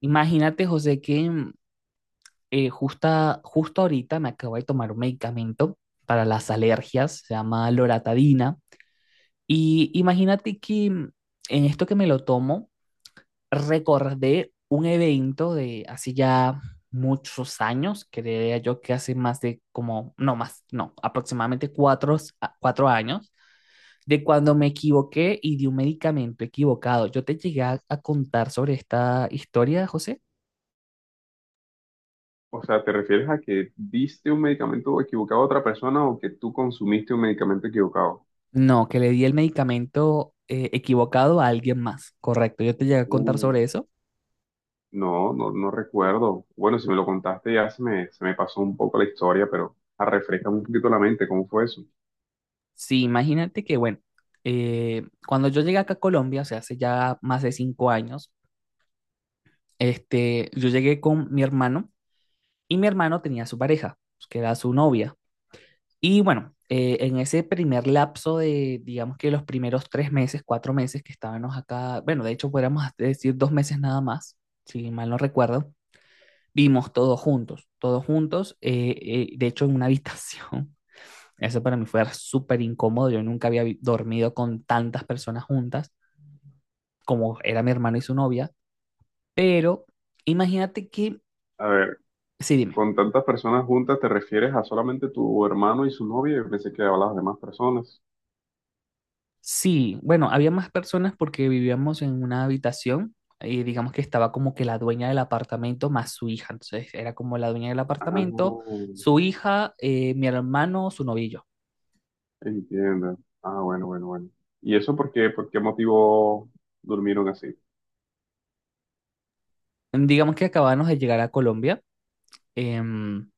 Imagínate, José, que justo ahorita me acabo de tomar un medicamento para las alergias, se llama loratadina. Y imagínate que en esto que me lo tomo, recordé un evento de hace ya muchos años, creía yo que hace más de como, no más, no, aproximadamente cuatro años, de cuando me equivoqué y di un medicamento equivocado. ¿Yo te llegué a contar sobre esta historia, José? O sea, ¿te refieres a que diste un medicamento equivocado a otra persona o que tú consumiste un medicamento equivocado? No, que le di el medicamento equivocado a alguien más, correcto. Yo te llegué a contar Uh, sobre eso. no, no, no recuerdo. Bueno, si me lo contaste ya se me pasó un poco la historia, pero refrescame un poquito la mente, ¿cómo fue eso? Sí, imagínate que, bueno, cuando yo llegué acá a Colombia, o sea, hace ya más de 5 años, este, yo llegué con mi hermano y mi hermano tenía su pareja, pues, que era su novia. Y bueno, en ese primer lapso de, digamos que los primeros 3 meses, 4 meses que estábamos acá, bueno, de hecho podríamos decir 2 meses nada más, si mal no recuerdo, vimos todos juntos, de hecho en una habitación. Eso para mí fue súper incómodo. Yo nunca había dormido con tantas personas juntas como era mi hermano y su novia. Pero imagínate que, A ver, sí, dime. con tantas personas juntas, ¿te refieres a solamente tu hermano y su novia? Yo pensé que hablabas de más personas. Sí, bueno, había más personas porque vivíamos en una habitación y digamos que estaba como que la dueña del apartamento más su hija. Entonces era como la dueña del Ah, apartamento, su hija, mi hermano, su novillo. entiendo. Ah, bueno, bueno, bueno. ¿Y eso por qué motivo durmieron así? Digamos que acabábamos de llegar a Colombia. em,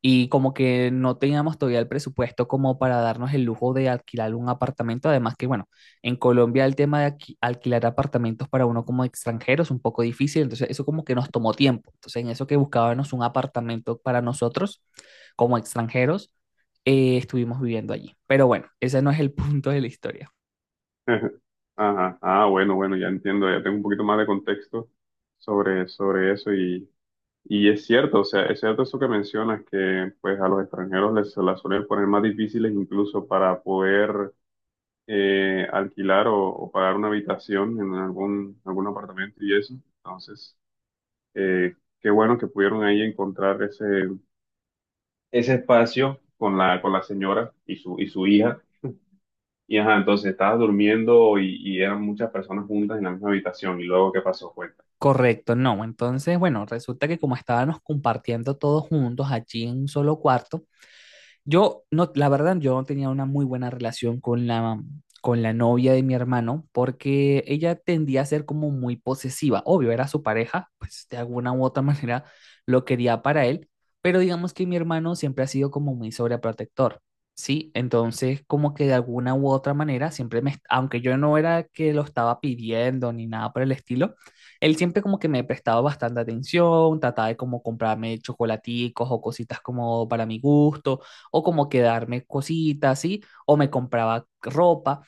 Y como que no teníamos todavía el presupuesto como para darnos el lujo de alquilar un apartamento. Además que, bueno, en Colombia el tema de alquilar apartamentos para uno como extranjero es un poco difícil. Entonces eso como que nos tomó tiempo. Entonces en eso que buscábamos un apartamento para nosotros como extranjeros, estuvimos viviendo allí. Pero bueno, ese no es el punto de la historia. Ajá, ah, bueno, bueno, ya entiendo, ya tengo un poquito más de contexto sobre eso y es cierto, o sea, es cierto eso que mencionas, que pues a los extranjeros les se las suelen poner más difíciles incluso para poder alquilar o pagar una habitación en algún apartamento y eso. Entonces, eh, qué bueno que pudieron ahí encontrar ese espacio con con la señora y y su hija. Y ajá, entonces estabas durmiendo y eran muchas personas juntas en la misma habitación. ¿Y luego qué pasó? Fue Correcto, no. Entonces, bueno, resulta que como estábamos compartiendo todos juntos allí en un solo cuarto, no, la verdad, yo no tenía una muy buena relación con la novia de mi hermano porque ella tendía a ser como muy posesiva. Obvio, era su pareja, pues de alguna u otra manera lo quería para él, pero digamos que mi hermano siempre ha sido como muy sobreprotector, ¿sí? Entonces, como que de alguna u otra manera, siempre me, aunque yo no era que lo estaba pidiendo ni nada por el estilo, él siempre como que me prestaba bastante atención, trataba de como comprarme chocolaticos o cositas como para mi gusto o como que darme cositas, ¿sí? O me compraba ropa.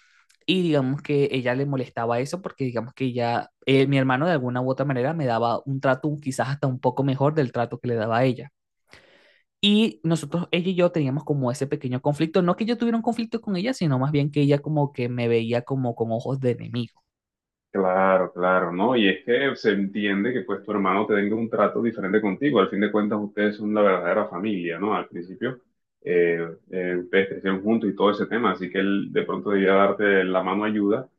Y digamos que ella le molestaba eso porque digamos que mi hermano de alguna u otra manera me daba un trato quizás hasta un poco mejor del trato que le daba a ella. Y ella y yo teníamos como ese pequeño conflicto, no que yo tuviera un conflicto con ella, sino más bien que ella como que me veía como con ojos de enemigo. claro, claro, ¿no? Y es que se entiende que pues tu hermano te tenga un trato diferente contigo. Al fin de cuentas, ustedes son la verdadera familia, ¿no? Al principio, eh, ustedes crecieron juntos y todo ese tema, así que él de pronto debía darte la mano ayuda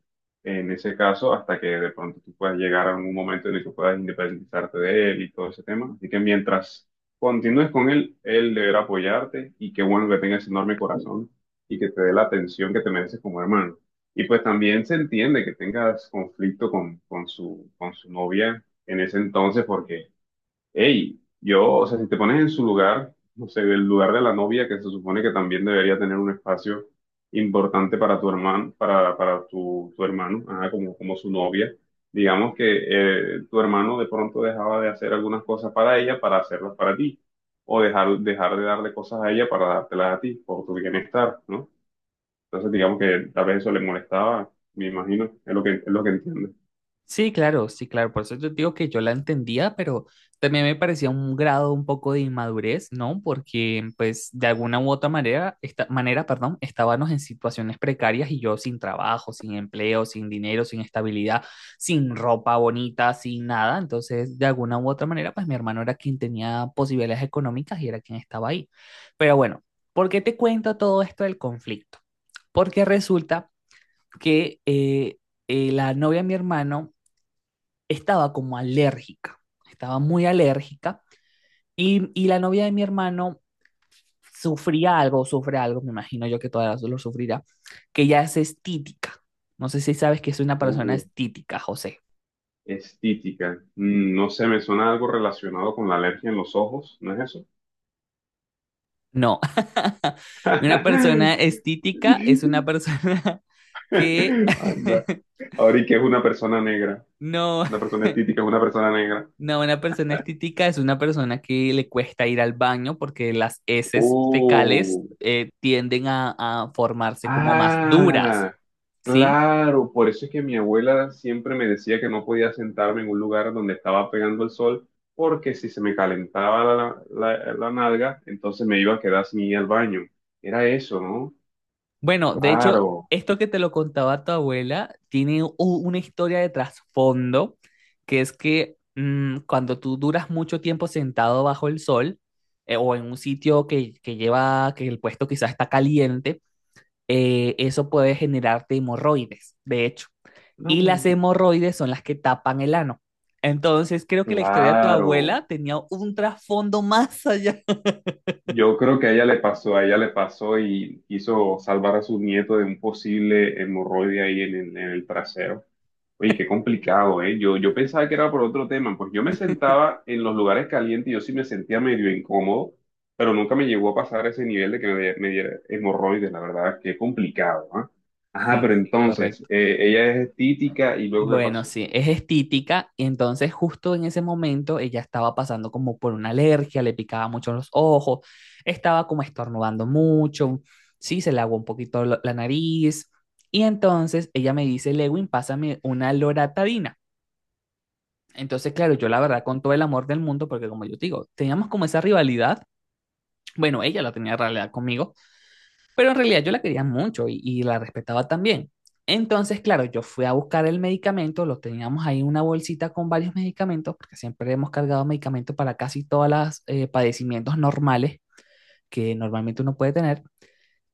en ese caso hasta que de pronto tú puedas llegar a un momento en el que puedas independizarte de él y todo ese tema. Así que mientras continúes con él, él deberá apoyarte y qué bueno que tenga ese enorme corazón y que te dé la atención que te mereces como hermano. Y pues también se entiende que tengas conflicto con su novia en ese entonces, porque, hey, yo, o sea, si te pones en su lugar, no sé, el lugar de la novia, que se supone que también debería tener un espacio importante para tu hermano, para tu, tu hermano, ajá, como, como su novia, digamos que tu hermano de pronto dejaba de hacer algunas cosas para ella para hacerlas para ti, o dejar, dejar de darle cosas a ella para dártelas a ti, por tu bienestar, ¿no? Entonces, digamos que tal vez eso le molestaba, me imagino, es lo es lo que entiende. Sí, claro, sí, claro. Por eso yo digo que yo la entendía, pero también me parecía un grado un poco de inmadurez, ¿no? Porque, pues, de alguna u otra manera, esta, manera, perdón, estábamos en situaciones precarias y yo sin trabajo, sin empleo, sin dinero, sin estabilidad, sin ropa bonita, sin nada. Entonces, de alguna u otra manera, pues, mi hermano era quien tenía posibilidades económicas y era quien estaba ahí. Pero bueno, ¿por qué te cuento todo esto del conflicto? Porque resulta que la novia de mi hermano estaba como alérgica, estaba muy alérgica y la novia de mi hermano sufría algo, sufre algo, me imagino yo que todavía lo sufrirá, que ya es estítica. No sé si sabes que es una persona Uh, estítica, José. estítica. Mm, no sé, me suena algo relacionado con la alergia en los ojos, ¿no es eso? No, una persona estítica es una persona que Anda. Ahora, ¿y qué es una persona negra? no, Una persona estítica es una persona negra. no, una persona estítica es una persona que le cuesta ir al baño porque las heces fecales Oh. Tienden a formarse como más duras. Ah, Sí. claro, por eso es que mi abuela siempre me decía que no podía sentarme en un lugar donde estaba pegando el sol, porque si se me calentaba la nalga, entonces me iba a quedar sin ir al baño. Era eso, ¿no? Bueno, de hecho, Claro, esto que te lo contaba tu abuela tiene una historia de trasfondo, que es que cuando tú duras mucho tiempo sentado bajo el sol o en un sitio que el puesto quizás está caliente, eso puede generarte hemorroides, de hecho. Y las mm, hemorroides son las que tapan el ano. Entonces, creo que la historia de tu claro. abuela tenía un trasfondo más allá. Yo creo que a ella le pasó, a ella le pasó y quiso salvar a su nieto de un posible hemorroide ahí en el trasero. Oye, qué complicado, ¿eh? Yo pensaba que era por otro tema, pues yo me sentaba en los lugares calientes y yo sí me sentía medio incómodo, pero nunca me llegó a pasar ese nivel de que me diera hemorroides, la verdad, qué complicado, ¿ah? Ajá, Sí, pero sí, entonces, correcto. Ella es estítica y luego ¿qué Bueno, pasó? sí, es estítica y entonces justo en ese momento ella estaba pasando como por una alergia, le picaba mucho los ojos, estaba como estornudando mucho, sí, se le aguó un poquito la nariz y entonces ella me dice: Lewin, pásame una loratadina. Entonces, claro, yo la verdad con todo el amor del mundo, porque como yo te digo, teníamos como esa rivalidad, bueno, ella la tenía en realidad conmigo, pero en realidad yo la quería mucho y la respetaba también. Entonces, claro, yo fui a buscar el medicamento, lo teníamos ahí en una bolsita con varios medicamentos, porque siempre hemos cargado medicamentos para casi todos los padecimientos normales que normalmente uno puede tener.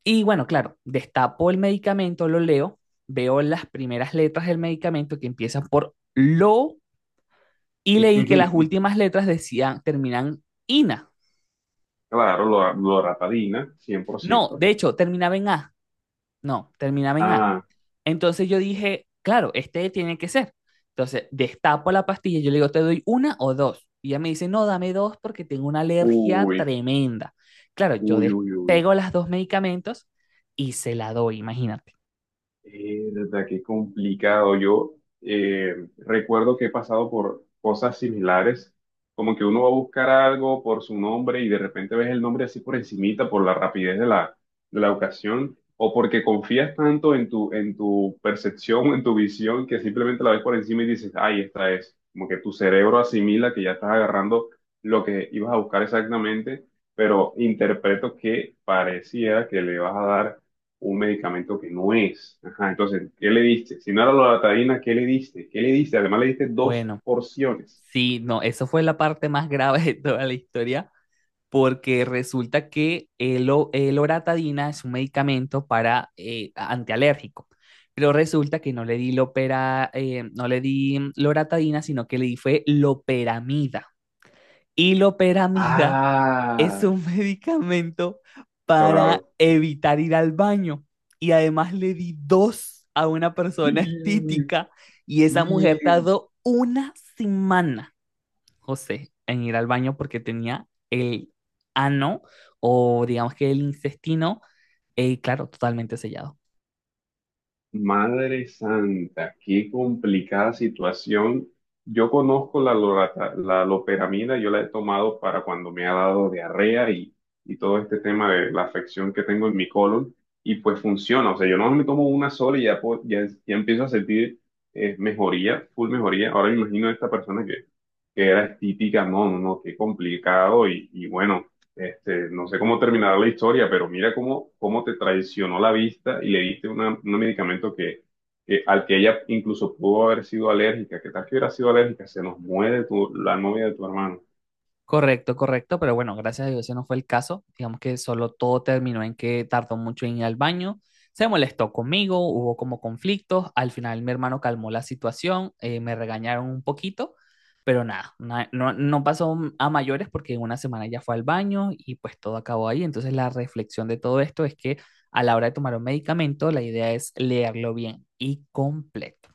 Y bueno, claro, destapo el medicamento, lo leo, veo las primeras letras del medicamento que empiezan por lo y leí que las últimas letras decían, terminan ina. Claro, loratadina, No, 100%. de hecho, terminaba en a. No, terminaba en a. Ah, Entonces yo dije, claro, este tiene que ser. Entonces destapo la pastilla y yo le digo: ¿te doy una o dos? Y ella me dice: no, dame dos porque tengo una alergia uy, tremenda. Claro, yo uy, uy, uy. despego las dos medicamentos y se la doy, imagínate. Verdad que complicado. Yo recuerdo que he pasado por cosas similares, como que uno va a buscar algo por su nombre y de repente ves el nombre así por encimita, por la rapidez de de la ocasión, o porque confías tanto en tu percepción en tu visión que simplemente la ves por encima y dices, ay, esta es. Como que tu cerebro asimila que ya estás agarrando lo que ibas a buscar exactamente, pero interpreto que pareciera que le vas a dar un medicamento que no es. Ajá, entonces, ¿qué le diste? Si no era la loratadina, ¿qué le diste? ¿Qué le diste? Además, le diste dos Bueno, porciones. sí, no, eso fue la parte más grave de toda la historia porque resulta que el loratadina es un medicamento para antialérgico, pero resulta que no le di no le di loratadina, sino que le di fue loperamida. Y loperamida es Ah, un medicamento para claro. evitar ir al baño. Y además le di dos a una Y, persona estética y esa mujer tardó una semana, José, en ir al baño porque tenía el ano, o digamos que el intestino, claro, totalmente sellado. madre santa, qué complicada situación. Yo conozco la loperamida, yo la he tomado para cuando me ha dado diarrea y todo este tema de la afección que tengo en mi colon, y pues funciona. O sea, yo no me tomo una sola y ya, ya, ya empiezo a sentir mejoría, full mejoría. Ahora me imagino a esta persona que era típica, no, no, no, qué complicado. Y bueno, este, no sé cómo terminará la historia, pero mira cómo, cómo te traicionó la vista y le diste un medicamento que, al que ella incluso pudo haber sido alérgica. ¿Qué tal que hubiera sido alérgica? Se nos muere la novia de tu hermano. Correcto, correcto, pero bueno, gracias a Dios ese no fue el caso. Digamos que solo todo terminó en que tardó mucho en ir al baño. Se molestó conmigo, hubo como conflictos. Al final mi hermano calmó la situación, me regañaron un poquito, pero nada, no, no pasó a mayores porque en una semana ya fue al baño y pues todo acabó ahí. Entonces la reflexión de todo esto es que a la hora de tomar un medicamento, la idea es leerlo bien y completo.